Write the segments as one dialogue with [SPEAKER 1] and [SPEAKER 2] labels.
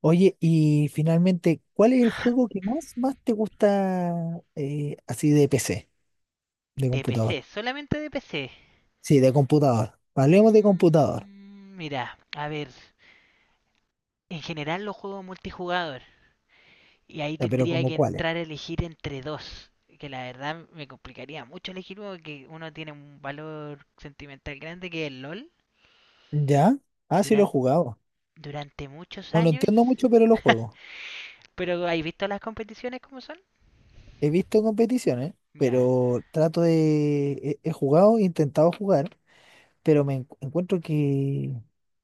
[SPEAKER 1] Oye, y finalmente, ¿cuál es el juego que más te gusta así de PC, de
[SPEAKER 2] De
[SPEAKER 1] computador?
[SPEAKER 2] PC, solamente de PC.
[SPEAKER 1] Sí, de computador. Hablemos de
[SPEAKER 2] Mm,
[SPEAKER 1] computador.
[SPEAKER 2] Mira, a ver, en general los juegos multijugador. Y ahí
[SPEAKER 1] Ya, pero
[SPEAKER 2] tendría
[SPEAKER 1] ¿como
[SPEAKER 2] que
[SPEAKER 1] cuáles?
[SPEAKER 2] entrar a elegir entre dos. Que la verdad me complicaría mucho elegir uno porque uno tiene un valor sentimental grande que es el LOL.
[SPEAKER 1] ¿Ya? Ah, sí lo he
[SPEAKER 2] Durante,
[SPEAKER 1] jugado.
[SPEAKER 2] durante muchos
[SPEAKER 1] No lo
[SPEAKER 2] años.
[SPEAKER 1] entiendo mucho, pero lo juego.
[SPEAKER 2] Pero ¿has visto las competiciones como son?
[SPEAKER 1] He visto competiciones,
[SPEAKER 2] Ya,
[SPEAKER 1] pero trato de... He jugado, he intentado jugar, pero encuentro que,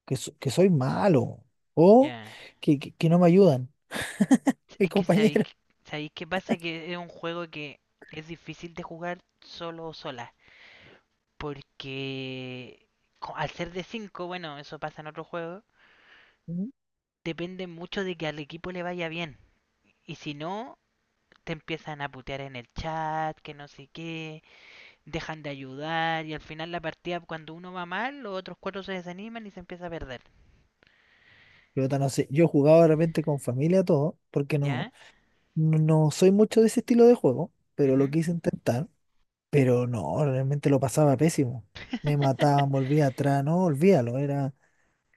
[SPEAKER 1] que, so- que soy malo o
[SPEAKER 2] ya.
[SPEAKER 1] que no me ayudan mis
[SPEAKER 2] Es que sabéis,
[SPEAKER 1] compañeros.
[SPEAKER 2] sabéis qué pasa, que es un juego que es difícil de jugar solo o sola. Porque al ser de cinco, bueno, eso pasa en otros juegos, depende mucho de que al equipo le vaya bien. Y si no, te empiezan a putear en el chat, que no sé qué, dejan de ayudar, y al final la partida, cuando uno va mal, los otros cuatro se desaniman y se empieza a perder.
[SPEAKER 1] Yo no sé, yo jugaba de repente con familia todo, porque no,
[SPEAKER 2] ¿Ya?
[SPEAKER 1] no, no soy mucho de ese estilo de juego, pero lo
[SPEAKER 2] Ujú.
[SPEAKER 1] quise intentar, pero no, realmente lo pasaba pésimo. Me mataban, volvía atrás, no, olvídalo, era,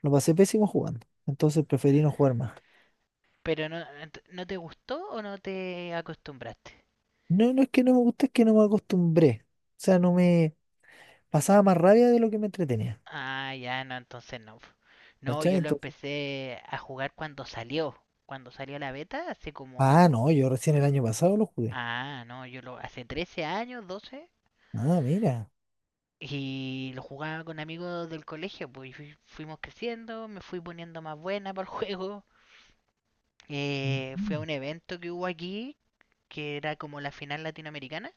[SPEAKER 1] lo pasé pésimo jugando. Entonces preferí no jugar más.
[SPEAKER 2] Pero no, ¿no te gustó o no te acostumbraste?
[SPEAKER 1] No, no es que no me guste, es que no me acostumbré. O sea, no me pasaba más rabia de lo que me entretenía.
[SPEAKER 2] Ah, ya, no, entonces no. No,
[SPEAKER 1] ¿Cachai?
[SPEAKER 2] yo lo
[SPEAKER 1] Entonces,
[SPEAKER 2] empecé a jugar cuando salió. Cuando salió la beta, hace
[SPEAKER 1] ah,
[SPEAKER 2] como
[SPEAKER 1] no, yo recién el año pasado lo jugué.
[SPEAKER 2] Ah, no, yo lo hace 13 años, 12,
[SPEAKER 1] Ah, mira.
[SPEAKER 2] y lo jugaba con amigos del colegio, pues, y fuimos creciendo, me fui poniendo más buena para el juego. Fui a
[SPEAKER 1] Ujú.
[SPEAKER 2] un evento que hubo aquí, que era como la final latinoamericana,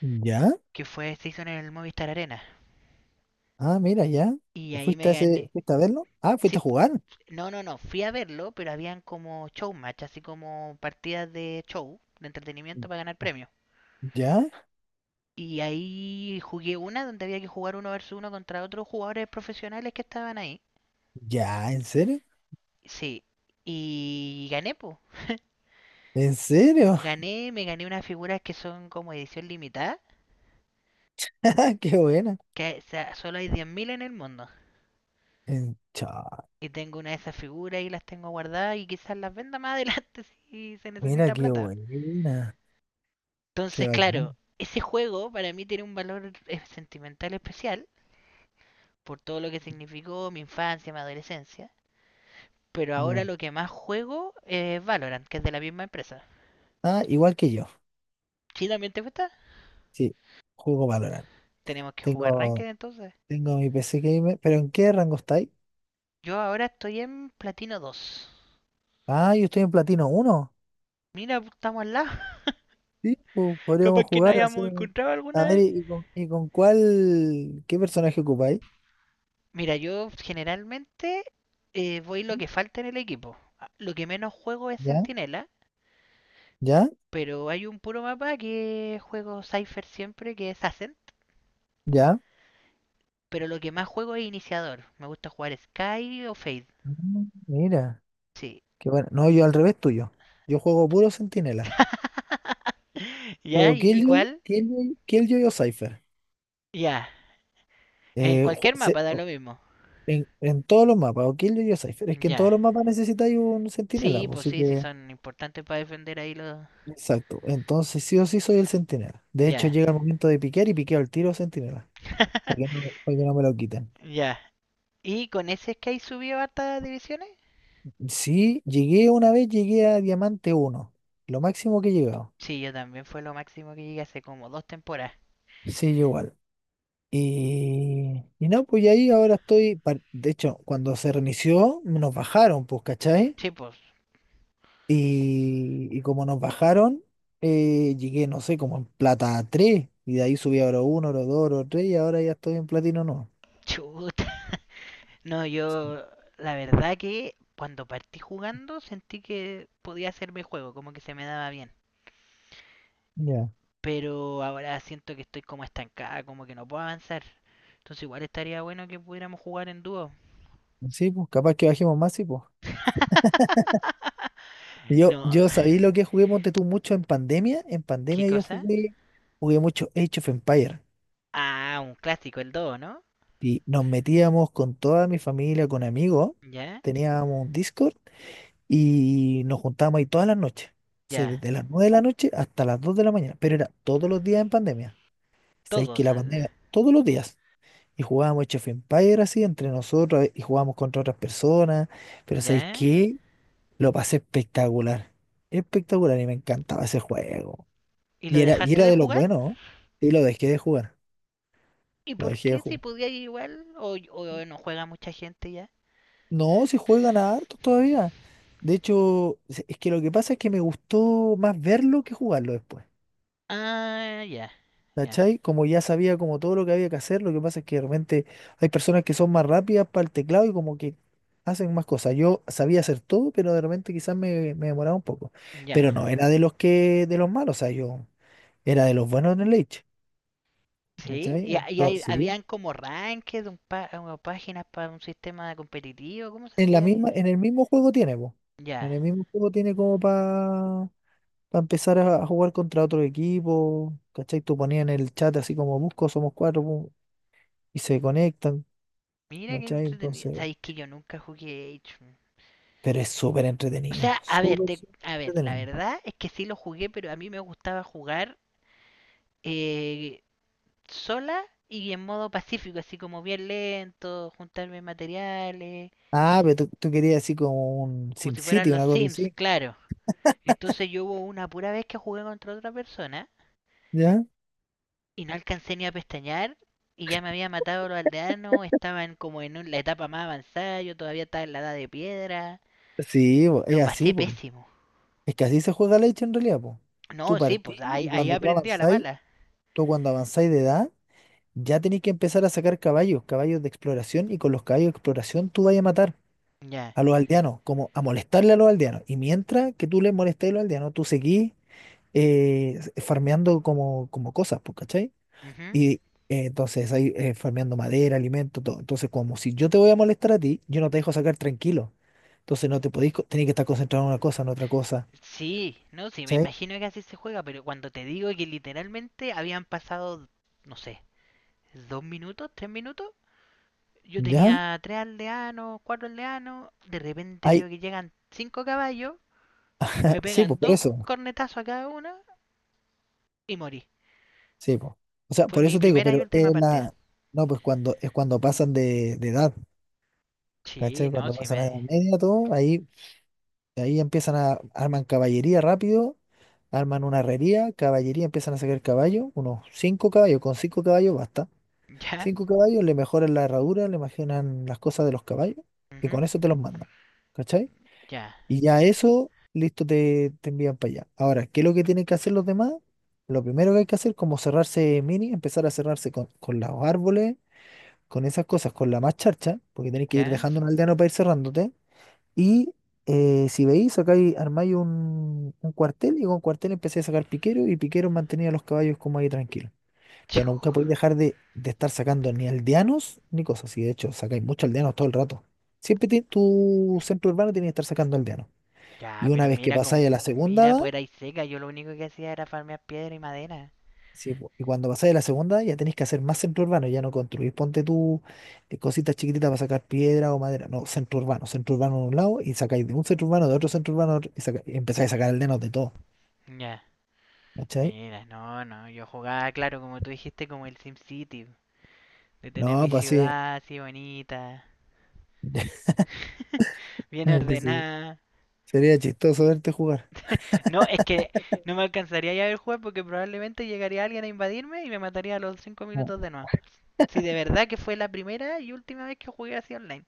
[SPEAKER 1] ¿Ya?
[SPEAKER 2] que fue, se hizo en el Movistar Arena,
[SPEAKER 1] Ah, mira, ya.
[SPEAKER 2] y
[SPEAKER 1] ¿Y
[SPEAKER 2] ahí
[SPEAKER 1] fuiste
[SPEAKER 2] me
[SPEAKER 1] a ese,
[SPEAKER 2] gané.
[SPEAKER 1] fuiste a verlo? Ah, fuiste a
[SPEAKER 2] Sí,
[SPEAKER 1] jugar.
[SPEAKER 2] no, no, no, fui a verlo, pero habían como showmatch, así como partidas de show, de entretenimiento para ganar premios.
[SPEAKER 1] ¿Ya?
[SPEAKER 2] Y ahí jugué una donde había que jugar uno versus uno contra otros jugadores profesionales que estaban ahí.
[SPEAKER 1] ¿Ya? ¿En serio?
[SPEAKER 2] Sí, y gané, pues.
[SPEAKER 1] ¿En serio?
[SPEAKER 2] Gané, me gané unas figuras que son como edición limitada,
[SPEAKER 1] ¡Qué buena!
[SPEAKER 2] que, o sea, solo hay 10.000 en el mundo.
[SPEAKER 1] Cha,
[SPEAKER 2] Y tengo una de esas figuras y las tengo guardadas y quizás las venda más adelante si se
[SPEAKER 1] mira,
[SPEAKER 2] necesita
[SPEAKER 1] qué
[SPEAKER 2] plata.
[SPEAKER 1] buena. Qué
[SPEAKER 2] Entonces, claro,
[SPEAKER 1] bacán.
[SPEAKER 2] ese juego para mí tiene un valor sentimental especial por todo lo que significó mi infancia, mi adolescencia. Pero ahora
[SPEAKER 1] Ya.
[SPEAKER 2] lo que más juego es Valorant, que es de la misma empresa.
[SPEAKER 1] Ah, igual que yo.
[SPEAKER 2] ¿Sí también te gusta?
[SPEAKER 1] Sí, juego Valorant.
[SPEAKER 2] Tenemos que jugar
[SPEAKER 1] Tengo,
[SPEAKER 2] Ranked, entonces.
[SPEAKER 1] tengo mi PC Gamer. ¿Pero en qué rango estáis?
[SPEAKER 2] Yo ahora estoy en Platino dos.
[SPEAKER 1] Ah, yo estoy en Platino uno.
[SPEAKER 2] Mira, pues, estamos al lado.
[SPEAKER 1] Sí,
[SPEAKER 2] Capaz
[SPEAKER 1] podríamos
[SPEAKER 2] que no
[SPEAKER 1] jugar, hacer...
[SPEAKER 2] hayamos
[SPEAKER 1] un-
[SPEAKER 2] encontrado alguna
[SPEAKER 1] A ver,
[SPEAKER 2] vez.
[SPEAKER 1] ¿Qué personaje ocupáis?
[SPEAKER 2] Mira, yo generalmente voy lo que falta en el equipo. Ah, lo que menos juego es
[SPEAKER 1] ¿Ya?
[SPEAKER 2] Centinela,
[SPEAKER 1] ¿Ya?
[SPEAKER 2] pero hay un puro mapa que juego Cypher siempre, que es Ascent.
[SPEAKER 1] ¿Ya?
[SPEAKER 2] Pero lo que más juego es Iniciador. Me gusta jugar Sky o Fade.
[SPEAKER 1] Mira,
[SPEAKER 2] Sí.
[SPEAKER 1] qué bueno. No, yo al revés tuyo. Yo juego puro centinela.
[SPEAKER 2] ¿Ya?
[SPEAKER 1] Juego
[SPEAKER 2] ¿Y
[SPEAKER 1] Killjoy,
[SPEAKER 2] cuál?
[SPEAKER 1] Killjoy, Killjoy o Cypher.
[SPEAKER 2] Ya. En
[SPEAKER 1] Eh, ju-
[SPEAKER 2] cualquier
[SPEAKER 1] se-
[SPEAKER 2] mapa da
[SPEAKER 1] o-
[SPEAKER 2] lo mismo.
[SPEAKER 1] en todos los mapas, o Killjoy o Cypher. Es que en todos
[SPEAKER 2] Ya.
[SPEAKER 1] los mapas necesitáis un centinela,
[SPEAKER 2] Sí,
[SPEAKER 1] pues,
[SPEAKER 2] pues
[SPEAKER 1] así
[SPEAKER 2] sí, sí
[SPEAKER 1] que.
[SPEAKER 2] son importantes para defender ahí los...
[SPEAKER 1] Exacto. Entonces, sí o sí soy el centinela. De hecho,
[SPEAKER 2] Ya.
[SPEAKER 1] llega el momento de piquear y piqueo el tiro centinela. Para que no, para que no me lo quiten.
[SPEAKER 2] Ya. Y con ese Sky subió hartas divisiones.
[SPEAKER 1] Sí, llegué una vez, llegué a Diamante uno. Lo máximo que he llegado.
[SPEAKER 2] Sí, yo también fue lo máximo que llegué hace como dos temporadas.
[SPEAKER 1] Sí, yo igual. Y no, pues y ahí ahora estoy. De hecho, cuando se reinició, nos bajaron, pues, ¿cachai?
[SPEAKER 2] Sí, pues.
[SPEAKER 1] Y como nos bajaron, llegué, no sé, como en plata tres. Y de ahí subí a oro uno, oro dos, oro 3 y ahora ya estoy en platino no.
[SPEAKER 2] Chuta. No, yo. La verdad que cuando partí jugando sentí que podía hacerme juego, como que se me daba bien.
[SPEAKER 1] Ya.
[SPEAKER 2] Pero ahora siento que estoy como estancada, como que no puedo avanzar. Entonces igual estaría bueno que pudiéramos jugar en dúo.
[SPEAKER 1] Sí, pues capaz que bajemos más, sí, pues. Yo,
[SPEAKER 2] No.
[SPEAKER 1] yo sabí lo que jugué, ponte tú, mucho en pandemia. En
[SPEAKER 2] ¿Qué
[SPEAKER 1] pandemia yo
[SPEAKER 2] cosa?
[SPEAKER 1] jugué mucho Age of Empire.
[SPEAKER 2] Ah, un clásico, el dúo, ¿no?
[SPEAKER 1] Y nos metíamos con toda mi familia, con amigos.
[SPEAKER 2] Ya,
[SPEAKER 1] Teníamos un Discord y nos juntábamos ahí todas las noches. O sea,
[SPEAKER 2] ya.
[SPEAKER 1] desde las 9 de la noche hasta las 2 de la mañana. Pero era todos los días en pandemia. Sabéis que
[SPEAKER 2] Todos.
[SPEAKER 1] la pandemia, todos los días, y jugábamos Age of Empires así entre nosotros y jugábamos contra otras personas, pero sabéis
[SPEAKER 2] Ya.
[SPEAKER 1] que lo pasé espectacular, espectacular y me encantaba ese juego.
[SPEAKER 2] ¿Y lo
[SPEAKER 1] Y era, y
[SPEAKER 2] dejaste
[SPEAKER 1] era
[SPEAKER 2] de
[SPEAKER 1] de los
[SPEAKER 2] jugar?
[SPEAKER 1] buenos, ¿no? Y lo dejé de jugar,
[SPEAKER 2] ¿Y
[SPEAKER 1] lo
[SPEAKER 2] por
[SPEAKER 1] dejé de
[SPEAKER 2] qué si
[SPEAKER 1] jugar.
[SPEAKER 2] podía igual? ¿O no juega mucha gente ya?
[SPEAKER 1] No, si juegan harto todavía. De hecho, es que lo que pasa es que me gustó más verlo que jugarlo después.
[SPEAKER 2] Ah, ya, ya,
[SPEAKER 1] ¿Cachai? Como ya sabía como todo lo que había que hacer, lo que pasa es que de repente hay personas que son más rápidas para el teclado y como que hacen más cosas. Yo sabía hacer todo, pero de repente quizás me demoraba un poco.
[SPEAKER 2] ya.
[SPEAKER 1] Pero no, era de los que, de los malos, o sea, yo era de los buenos en el Age.
[SPEAKER 2] Sí,
[SPEAKER 1] ¿Cachai?
[SPEAKER 2] y
[SPEAKER 1] Entonces, sí,
[SPEAKER 2] habían como rankings, una páginas para un sistema competitivo, ¿cómo se
[SPEAKER 1] En la
[SPEAKER 2] hacía ahí?
[SPEAKER 1] misma, en el mismo juego tiene, po.
[SPEAKER 2] Ya,
[SPEAKER 1] En el mismo juego tiene como para empezar a jugar contra otro equipo. ¿Cachai? Tú ponías en el chat así como busco, somos cuatro, pum, y se conectan.
[SPEAKER 2] mira qué
[SPEAKER 1] ¿Cachai?
[SPEAKER 2] entretenido.
[SPEAKER 1] Entonces.
[SPEAKER 2] Sabéis que yo nunca jugué Age. Mm.
[SPEAKER 1] Pero es súper
[SPEAKER 2] O sea,
[SPEAKER 1] entretenido,
[SPEAKER 2] a ver,
[SPEAKER 1] súper, súper
[SPEAKER 2] a ver, la
[SPEAKER 1] entretenido.
[SPEAKER 2] verdad es que sí lo jugué, pero a mí me gustaba jugar eh, sola y en modo pacífico, así como bien lento, juntarme materiales,
[SPEAKER 1] Ah, pero tú querías así como un
[SPEAKER 2] como si fueran
[SPEAKER 1] SimCity,
[SPEAKER 2] los
[SPEAKER 1] una cosa
[SPEAKER 2] Sims,
[SPEAKER 1] así,
[SPEAKER 2] claro. Entonces yo hubo una pura vez que jugué contra otra persona
[SPEAKER 1] ¿ya?
[SPEAKER 2] y no alcancé ni a pestañear y ya me había matado a los aldeanos, estaban como en la etapa más avanzada, yo todavía estaba en la edad de piedra,
[SPEAKER 1] Sí, po, es
[SPEAKER 2] lo
[SPEAKER 1] así,
[SPEAKER 2] pasé
[SPEAKER 1] po.
[SPEAKER 2] pésimo.
[SPEAKER 1] Es que así se juega la hecha en realidad, po. Tú
[SPEAKER 2] No, sí,
[SPEAKER 1] partís
[SPEAKER 2] pues ahí,
[SPEAKER 1] y
[SPEAKER 2] ahí
[SPEAKER 1] cuando tú
[SPEAKER 2] aprendí a la
[SPEAKER 1] avanzáis,
[SPEAKER 2] mala.
[SPEAKER 1] tú cuando avanzáis de edad, ya tenéis que empezar a sacar caballos, caballos de exploración, y con los caballos de exploración tú vas a matar
[SPEAKER 2] Ya.
[SPEAKER 1] a los aldeanos, como a molestarle a los aldeanos. Y mientras que tú les molestes a los aldeanos, tú seguís farmeando como cosas, pues, ¿cachai?
[SPEAKER 2] Ujú.
[SPEAKER 1] Y entonces ahí farmeando madera, alimento, todo. Entonces, como si yo te voy a molestar a ti, yo no te dejo sacar tranquilo. Entonces no te podéis, co- tenés que estar concentrado en una cosa, en otra cosa.
[SPEAKER 2] Sí, no, sí, me
[SPEAKER 1] ¿Cachai?
[SPEAKER 2] imagino que así se juega, pero cuando te digo que literalmente habían pasado, no sé, 2 minutos, 3 minutos. Yo
[SPEAKER 1] ¿Ya?
[SPEAKER 2] tenía tres aldeanos, cuatro aldeanos. De repente
[SPEAKER 1] Ahí,
[SPEAKER 2] veo que llegan cinco caballos,
[SPEAKER 1] ah,
[SPEAKER 2] me
[SPEAKER 1] sí, pues
[SPEAKER 2] pegan
[SPEAKER 1] por
[SPEAKER 2] dos
[SPEAKER 1] eso.
[SPEAKER 2] cornetazos a cada uno y morí.
[SPEAKER 1] Sí, pues. O sea,
[SPEAKER 2] Fue
[SPEAKER 1] por
[SPEAKER 2] mi
[SPEAKER 1] eso te digo,
[SPEAKER 2] primera y
[SPEAKER 1] pero
[SPEAKER 2] última
[SPEAKER 1] es
[SPEAKER 2] partida.
[SPEAKER 1] la. No, pues cuando pasan de edad,
[SPEAKER 2] Sí,
[SPEAKER 1] ¿cachai?
[SPEAKER 2] no,
[SPEAKER 1] Cuando
[SPEAKER 2] sí
[SPEAKER 1] pasan
[SPEAKER 2] me.
[SPEAKER 1] a edad media, todo, ahí empiezan a arman caballería rápido, arman una herrería, caballería, empiezan a sacar caballos, unos cinco caballos, con cinco caballos basta.
[SPEAKER 2] Ya,
[SPEAKER 1] Cinco caballos, le mejoran la herradura, le mejoran las cosas de los caballos y
[SPEAKER 2] ujú,
[SPEAKER 1] con eso te los mandan. ¿Cachai?
[SPEAKER 2] ya,
[SPEAKER 1] Y ya eso, listo, te envían para allá. Ahora, ¿qué es lo que tienen que hacer los demás? Lo primero que hay que hacer, como cerrarse mini, empezar a cerrarse con los árboles, con esas cosas, con la más charcha, porque tenés que ir
[SPEAKER 2] ya,
[SPEAKER 1] dejando un aldeano para ir cerrándote. Y si veis, acá hay, armáis un cuartel y con cuartel empecé a sacar piqueros y piqueros mantenía los caballos como ahí tranquilos. Pero nunca podéis dejar de estar sacando ni aldeanos ni cosas así. De hecho, sacáis muchos aldeanos todo el rato. Siempre tu centro urbano tiene que estar sacando aldeanos.
[SPEAKER 2] ya,
[SPEAKER 1] Y una
[SPEAKER 2] pero
[SPEAKER 1] vez que
[SPEAKER 2] mira
[SPEAKER 1] pasáis a
[SPEAKER 2] como.
[SPEAKER 1] la segunda
[SPEAKER 2] Mira,
[SPEAKER 1] edad,
[SPEAKER 2] pues era y seca. Yo lo único que hacía era farmear piedra y madera.
[SPEAKER 1] sí, po, y cuando pasáis a la segunda edad, ya tenéis que hacer más centro urbano. Ya no construís, ponte tú cositas chiquititas para sacar piedra o madera. No, centro urbano. Centro urbano de un lado y sacáis de un centro urbano, de otro centro urbano, de otro, y empezáis a sacar aldeanos de todo.
[SPEAKER 2] Ya,
[SPEAKER 1] ¿Cachai?
[SPEAKER 2] mira, no, no. Yo jugaba, claro, como tú dijiste, como el SimCity. De tener
[SPEAKER 1] No,
[SPEAKER 2] mi
[SPEAKER 1] pues sí.
[SPEAKER 2] ciudad así bonita, bien
[SPEAKER 1] que se-
[SPEAKER 2] ordenada.
[SPEAKER 1] Sería chistoso verte jugar.
[SPEAKER 2] No, es que no me alcanzaría ya a ver jugar porque probablemente llegaría alguien a invadirme y me mataría a los cinco
[SPEAKER 1] No,
[SPEAKER 2] minutos de nuevo. Si de verdad que fue la primera y última vez que jugué así online.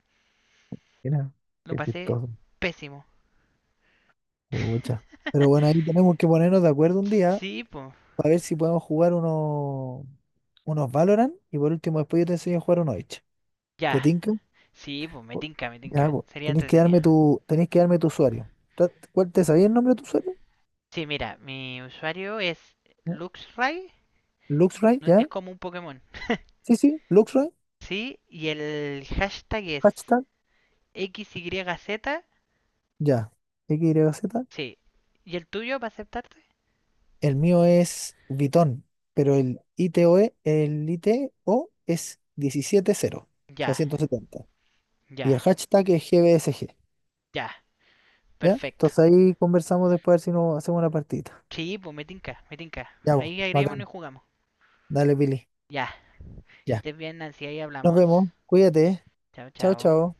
[SPEAKER 1] mira,
[SPEAKER 2] Lo
[SPEAKER 1] qué
[SPEAKER 2] pasé
[SPEAKER 1] chistoso.
[SPEAKER 2] pésimo.
[SPEAKER 1] Pucha. Pero bueno, ahí tenemos que ponernos de acuerdo un día
[SPEAKER 2] Sí, pues.
[SPEAKER 1] para ver si podemos jugar unos Valorant y por último después yo te enseño a jugar uno Oich. ¿Te
[SPEAKER 2] Ya.
[SPEAKER 1] tinca?
[SPEAKER 2] Sí, pues me
[SPEAKER 1] Po-
[SPEAKER 2] tinca, me
[SPEAKER 1] Ya,
[SPEAKER 2] tinca.
[SPEAKER 1] po.
[SPEAKER 2] Sería
[SPEAKER 1] Tenés que
[SPEAKER 2] entretenido.
[SPEAKER 1] darme tu, tenés que darme tu usuario. ¿Cuál te sabía el nombre de tu usuario?
[SPEAKER 2] Sí, mira, mi usuario es
[SPEAKER 1] ¿No?
[SPEAKER 2] Luxray.
[SPEAKER 1] Luxray,
[SPEAKER 2] Es
[SPEAKER 1] ya.
[SPEAKER 2] como un Pokémon.
[SPEAKER 1] Sí, sí, Luxray,
[SPEAKER 2] Sí, y el hashtag es
[SPEAKER 1] hashtag,
[SPEAKER 2] XYZ.
[SPEAKER 1] ya. XYZ.
[SPEAKER 2] Sí. ¿Y el tuyo para aceptarte?
[SPEAKER 1] El mío es Vitón, pero el ITO E el ITO es 17 cero, o sea,
[SPEAKER 2] Ya.
[SPEAKER 1] 170. Y el
[SPEAKER 2] Ya,
[SPEAKER 1] hashtag es GBSG.
[SPEAKER 2] ya,
[SPEAKER 1] ¿Ya?
[SPEAKER 2] perfecto.
[SPEAKER 1] Entonces ahí conversamos después a ver si nos hacemos una partida.
[SPEAKER 2] Sí, pues me tinca, me tinca.
[SPEAKER 1] Ya, vos,
[SPEAKER 2] Ahí agreguémonos
[SPEAKER 1] bacán.
[SPEAKER 2] y jugamos.
[SPEAKER 1] Dale, Billy.
[SPEAKER 2] Ya, que
[SPEAKER 1] Ya.
[SPEAKER 2] estés bien, Nancy, ahí
[SPEAKER 1] Nos
[SPEAKER 2] hablamos.
[SPEAKER 1] vemos. Cuídate.
[SPEAKER 2] Chao,
[SPEAKER 1] Chao,
[SPEAKER 2] chao.
[SPEAKER 1] chao.